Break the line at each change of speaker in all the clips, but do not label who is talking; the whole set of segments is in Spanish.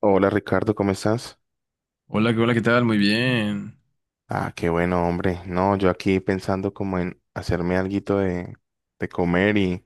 Hola Ricardo, ¿cómo estás?
Hola, hola, ¿qué tal? Muy bien.
Ah, qué bueno, hombre. No, yo aquí pensando como en hacerme alguito de comer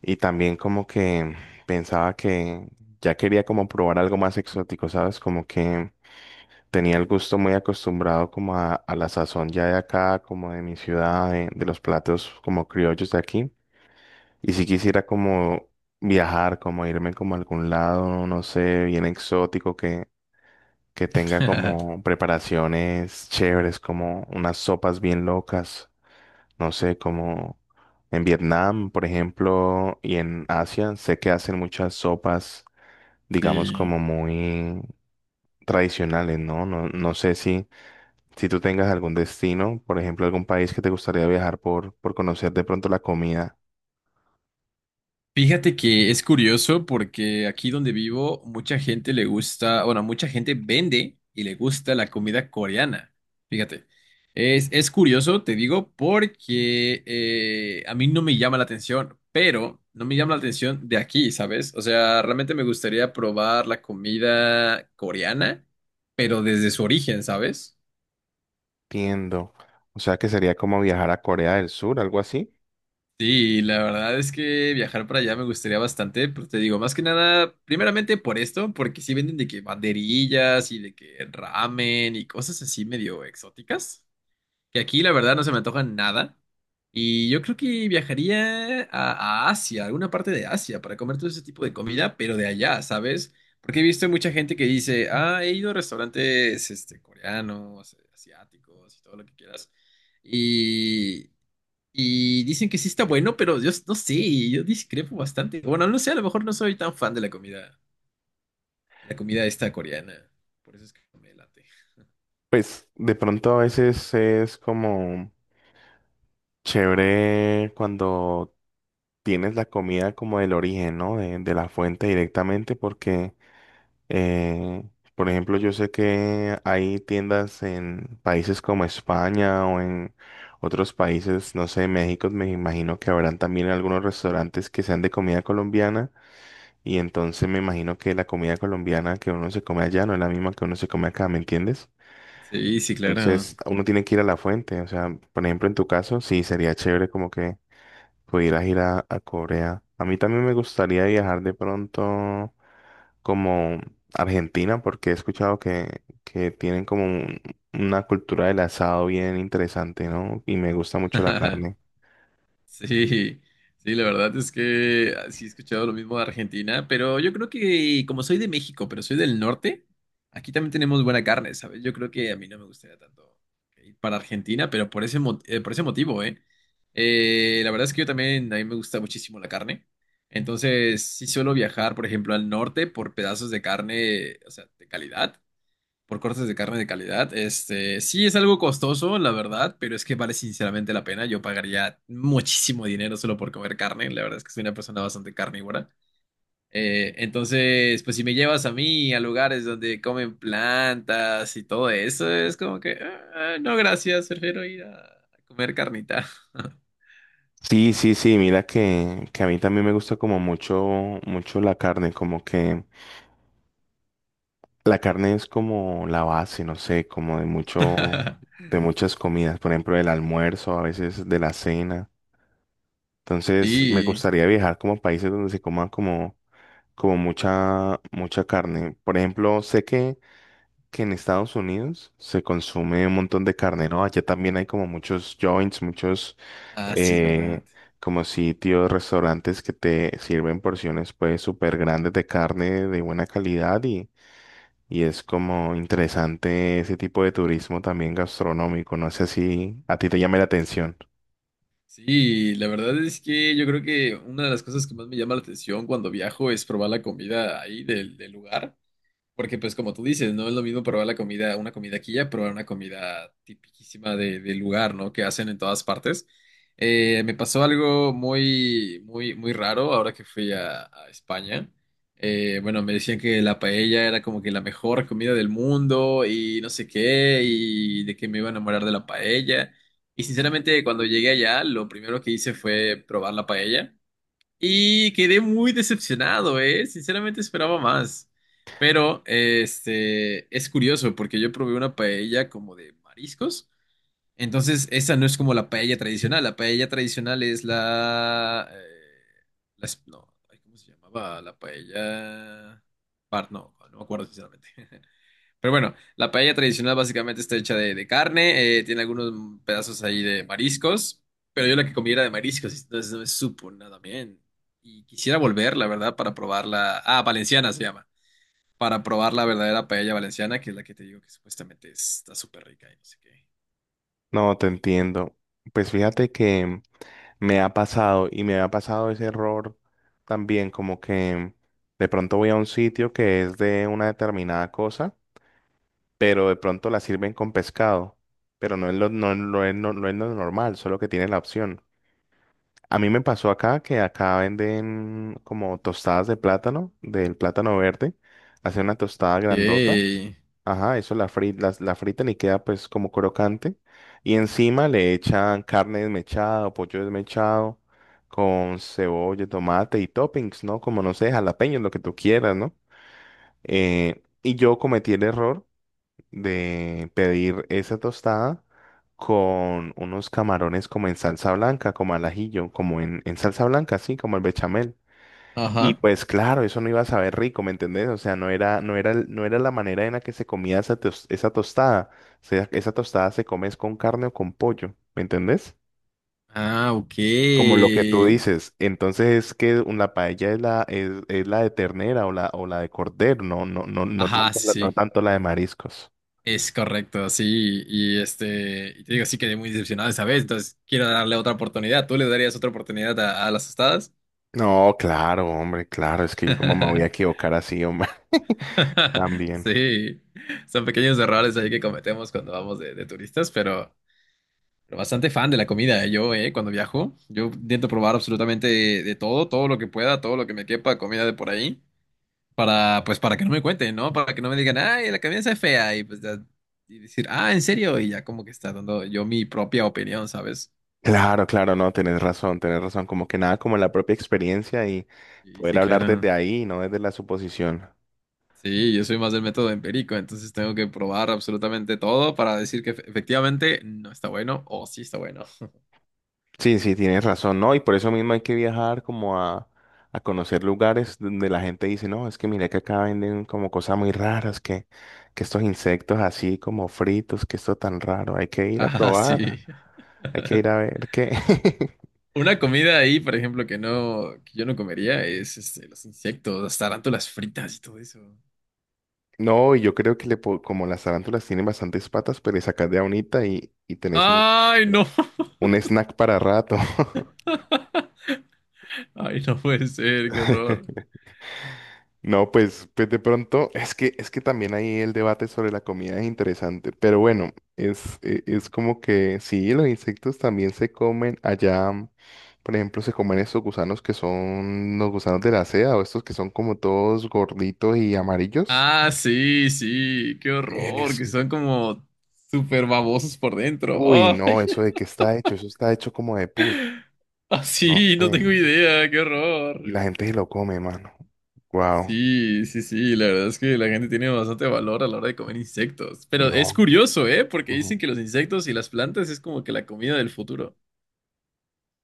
y también como que pensaba que ya quería como probar algo más exótico, ¿sabes? Como que tenía el gusto muy acostumbrado como a la sazón ya de acá, como de mi ciudad, de los platos como criollos de aquí. Y si quisiera como viajar, como irme como a algún lado, no sé, bien exótico que tenga como preparaciones chéveres, como unas sopas bien locas, no sé, como en Vietnam, por ejemplo, y en Asia, sé que hacen muchas sopas, digamos,
Sí.
como muy tradicionales, ¿no? No, sé si, si tú tengas algún destino, por ejemplo, algún país que te gustaría viajar por conocer de pronto la comida.
Fíjate que es curioso porque aquí donde vivo, mucha gente le gusta, bueno, mucha gente vende y le gusta la comida coreana. Fíjate. Es curioso, te digo, porque a mí no me llama la atención, pero no me llama la atención de aquí, ¿sabes? O sea, realmente me gustaría probar la comida coreana, pero desde su origen, ¿sabes?
Entiendo. O sea que sería como viajar a Corea del Sur, algo así.
Sí, la verdad es que viajar para allá me gustaría bastante, pero te digo, más que nada, primeramente por esto, porque sí venden de que banderillas y de que ramen y cosas así medio exóticas, que aquí la verdad no se me antojan nada. Y yo creo que viajaría a Asia, alguna parte de Asia, para comer todo ese tipo de comida, pero de allá, ¿sabes? Porque he visto mucha gente que dice, ah, he ido a restaurantes este, coreanos, asiáticos y todo lo que quieras. Y dicen que sí está bueno, pero yo no sé, yo discrepo bastante. Bueno, no sé, a lo mejor no soy tan fan de la comida esta coreana. Por eso es que no me late.
Pues de pronto a veces es como chévere cuando tienes la comida como del origen, ¿no? De la fuente directamente, porque, eh, por ejemplo, yo sé que hay tiendas en países como España o en otros países, no sé, México, me imagino que habrán también algunos restaurantes que sean de comida colombiana, y entonces me imagino que la comida colombiana que uno se come allá no es la misma que uno se come acá, ¿me entiendes?
Sí, sí, claro.
Entonces, uno tiene que ir a la fuente, o sea, por ejemplo, en tu caso, sí, sería chévere como que pudieras ir a Corea. A mí también me gustaría viajar de pronto como Argentina, porque he escuchado que tienen como una cultura del asado bien interesante, ¿no? Y me gusta mucho la carne.
Sí, sí, la verdad es que sí he escuchado lo mismo de Argentina, pero yo creo que como soy de México, pero soy del norte, aquí también tenemos buena carne, ¿sabes? Yo creo que a mí no me gustaría tanto ir para Argentina, pero por ese, por ese motivo, ¿eh? La verdad es que yo también, a mí me gusta muchísimo la carne. Entonces, sí suelo viajar, por ejemplo, al norte por pedazos de carne, o sea, de calidad por cortes de carne de calidad. Este, sí es algo costoso, la verdad, pero es que vale sinceramente la pena. Yo pagaría muchísimo dinero solo por comer carne. La verdad es que soy una persona bastante carnívora. Entonces, pues si me llevas a mí a lugares donde comen plantas y todo eso, es como que, "Ah, no, gracias, prefiero ir a comer carnita".
Sí, sí, sí, mira que a mí también me gusta como mucho, mucho la carne, como que la carne es como la base, no sé, como de mucho, de muchas comidas, por ejemplo, del almuerzo, a veces de la cena. Entonces, me
Sí,
gustaría viajar como a países donde se coman como mucha, mucha carne. Por ejemplo, sé que en Estados Unidos se consume un montón de carne, ¿no? Allá también hay como muchos joints, muchos
ah, sí, es
eh,
verdad.
como sitios, restaurantes que te sirven porciones pues súper grandes de carne de buena calidad y es como interesante ese tipo de turismo también gastronómico. No sé si a ti te llame la atención.
Sí, la verdad es que yo creo que una de las cosas que más me llama la atención cuando viajo es probar la comida ahí del, del lugar. Porque pues como tú dices, no es lo mismo probar la comida, una comida aquí ya, probar una comida tipiquísima de, del lugar, ¿no? Que hacen en todas partes. Me pasó algo muy, muy, muy raro ahora que fui a España. Bueno, me decían que la paella era como que la mejor comida del mundo y no sé qué, y de que me iba a enamorar de la paella. Y sinceramente, cuando llegué allá, lo primero que hice fue probar la paella. Y quedé muy decepcionado, ¿eh? Sinceramente esperaba más. Pero, este, es curioso porque yo probé una paella como de mariscos. Entonces, esa no es como la paella tradicional. La paella tradicional es la... no, ay, ¿cómo se llamaba? La paella... Par, no, no me acuerdo sinceramente. Pero bueno, la paella tradicional básicamente está hecha de carne, tiene algunos pedazos ahí de mariscos, pero yo la que comí era de mariscos, entonces no me supo nada bien. Y quisiera volver, la verdad, para probarla. Ah, valenciana se llama. Para probar la verdadera paella valenciana, que es la que te digo que supuestamente está súper rica y no sé qué.
No, te entiendo. Pues fíjate que me ha pasado y me ha pasado ese error también, como que de pronto voy a un sitio que es de una determinada cosa, pero de pronto la sirven con pescado, pero no es lo normal, solo que tiene la opción. A mí me pasó acá que acá venden como tostadas de plátano, del plátano verde, hacen una tostada grandota.
Ok.
Ajá, eso la fritan y queda pues como crocante. Y encima le echan carne desmechada o pollo desmechado con cebolla, tomate y toppings, ¿no? Como no sé, jalapeños, lo que tú quieras, ¿no? Y yo cometí el error de pedir esa tostada con unos camarones como en salsa blanca, como al ajillo, como en salsa blanca, así como el bechamel. Y
Ajá.
pues claro, eso no iba a saber rico, ¿me entendés? O sea, no era la manera en la que se comía esa tostada. O sea, esa tostada se come es con carne o con pollo, ¿me entendés?
Ah, ok.
Como lo que tú dices. Entonces es que la paella es la de ternera o o la de cordero, no, no, no, no
Ajá,
tanto
sí,
no
sí.
tanto la de mariscos.
Es correcto, sí, y este, y te digo, sí quedé muy decepcionado esa vez, entonces quiero darle otra oportunidad. ¿Tú le darías otra oportunidad a las tostadas?
No, claro, hombre, claro, es que yo como me voy a equivocar así, hombre, también.
Sí, son pequeños errores ahí que cometemos cuando vamos de turistas, pero bastante fan de la comida, ¿eh? Yo, cuando viajo, yo intento probar absolutamente de todo, todo lo que pueda, todo lo que me quepa, comida de por ahí, para, pues, para que no me cuenten, ¿no? Para que no me digan, ay, la comida está fea, y pues ya y decir, ah, ¿en serio? Y ya como que está dando yo mi propia opinión, ¿sabes?
Claro, claro, no, tenés razón, como que nada como la propia experiencia y
Sí,
poder
sí,
hablar
claro.
desde ahí, no desde la suposición.
Sí, yo soy más del método empírico, entonces tengo que probar absolutamente todo para decir que efectivamente no está bueno o sí está bueno.
Sí, sí, tienes razón, ¿no? Y por eso mismo hay que viajar como a conocer lugares donde la gente dice, no, es que mira que acá venden como cosas muy raras, que estos insectos así como fritos, que esto tan raro, hay que ir a
Ah,
probar,
sí.
hay que ir a ver qué.
Una comida ahí, por ejemplo, que no, que yo no comería es este, los insectos, las tarántulas fritas y todo eso.
No, y yo creo que como las tarántulas tienen bastantes patas, pero le sacas de a unita y tenés una...
¡Ay, no!
un snack para rato.
¡Ay, no puede ser! ¡Qué horror!
No, pues, pues de pronto, es que también ahí el debate sobre la comida es interesante, pero bueno, es como que sí, los insectos también se comen allá, por ejemplo, se comen estos gusanos que son los gusanos de la seda o estos que son como todos gorditos y amarillos.
Ah, sí, sí, qué horror, que
Eso.
son como súper babosos por dentro.
Uy, no,
¡Ay!
eso de qué está hecho, eso está hecho como de pus,
Ah,
no
sí, no
sé,
tengo idea, qué
y
horror.
la gente se lo come, mano. Wow.
Sí, sí, sí, la verdad es que la gente tiene bastante valor a la hora de comer insectos. Pero es
No.
curioso, ¿eh? Porque dicen que los insectos y las plantas es como que la comida del futuro.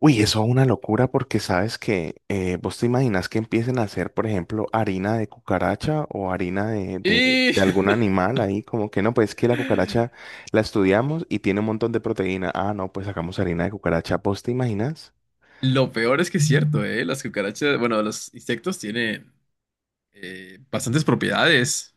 Uy, eso es una locura porque sabes que vos te imaginas que empiecen a hacer, por ejemplo, harina de cucaracha o harina
Y
de algún animal ahí, como que no, pues que la cucaracha la estudiamos y tiene un montón de proteína. Ah, no, pues sacamos harina de cucaracha. ¿Vos te imaginas?
lo peor es que es cierto, ¿eh? Las cucarachas, bueno, los insectos tienen bastantes propiedades.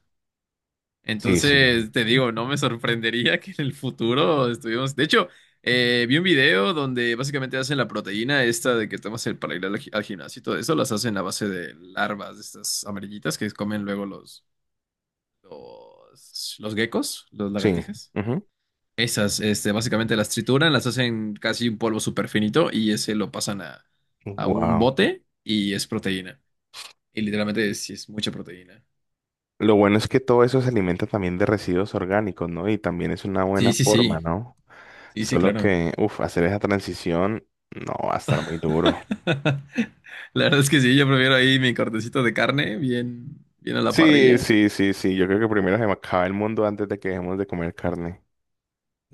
Sí, sí,
Entonces, te digo, no me sorprendería que en el futuro estuvimos... De hecho, vi un video donde básicamente hacen la proteína esta de que tomas el para ir al, al gimnasio y todo eso, las hacen a base de larvas, de estas amarillitas que comen luego los geckos, los
sí.
lagartijas. Esas, este, básicamente las trituran, las hacen casi un polvo súper finito y ese lo pasan a un
Wow.
bote y es proteína. Y literalmente sí es mucha proteína.
Lo bueno es que todo eso se alimenta también de residuos orgánicos, ¿no? Y también es una
Sí,
buena
sí,
forma,
sí.
¿no?
Sí, sí,
Solo
claro.
que, uff, hacer esa transición no va a estar muy duro.
La verdad es que sí, yo prefiero ahí mi cortecito de carne, bien, bien a la
Sí,
parrilla.
sí, sí, sí. Yo creo que primero se me acaba el mundo antes de que dejemos de comer carne.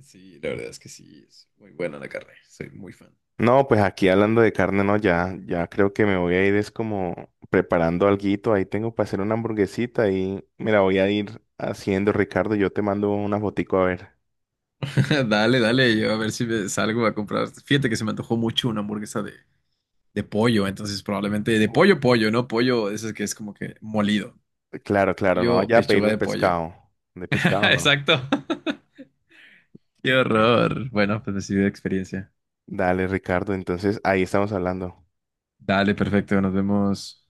Sí, la verdad es que sí, es muy buena la carne, soy muy fan.
No, pues aquí hablando de carne, no, ya creo que me voy a ir es como preparando alguito. Ahí tengo para hacer una hamburguesita y mira, voy a ir haciendo, Ricardo. Yo te mando una fotico a ver.
Dale, dale, yo a ver si me salgo a comprar. Fíjate que se me antojó mucho una hamburguesa de pollo, entonces probablemente de
Uf,
pollo, pollo, ¿no? Pollo, eso es que es como que molido.
claro, claro, no
Yo,
vaya a pedir
pechuga
de
de pollo.
pescado. De pescado no.
Exacto. Qué
Bueno.
horror. Bueno, pues decidí de experiencia.
Dale, Ricardo. Entonces ahí estamos hablando.
Dale, perfecto, nos vemos.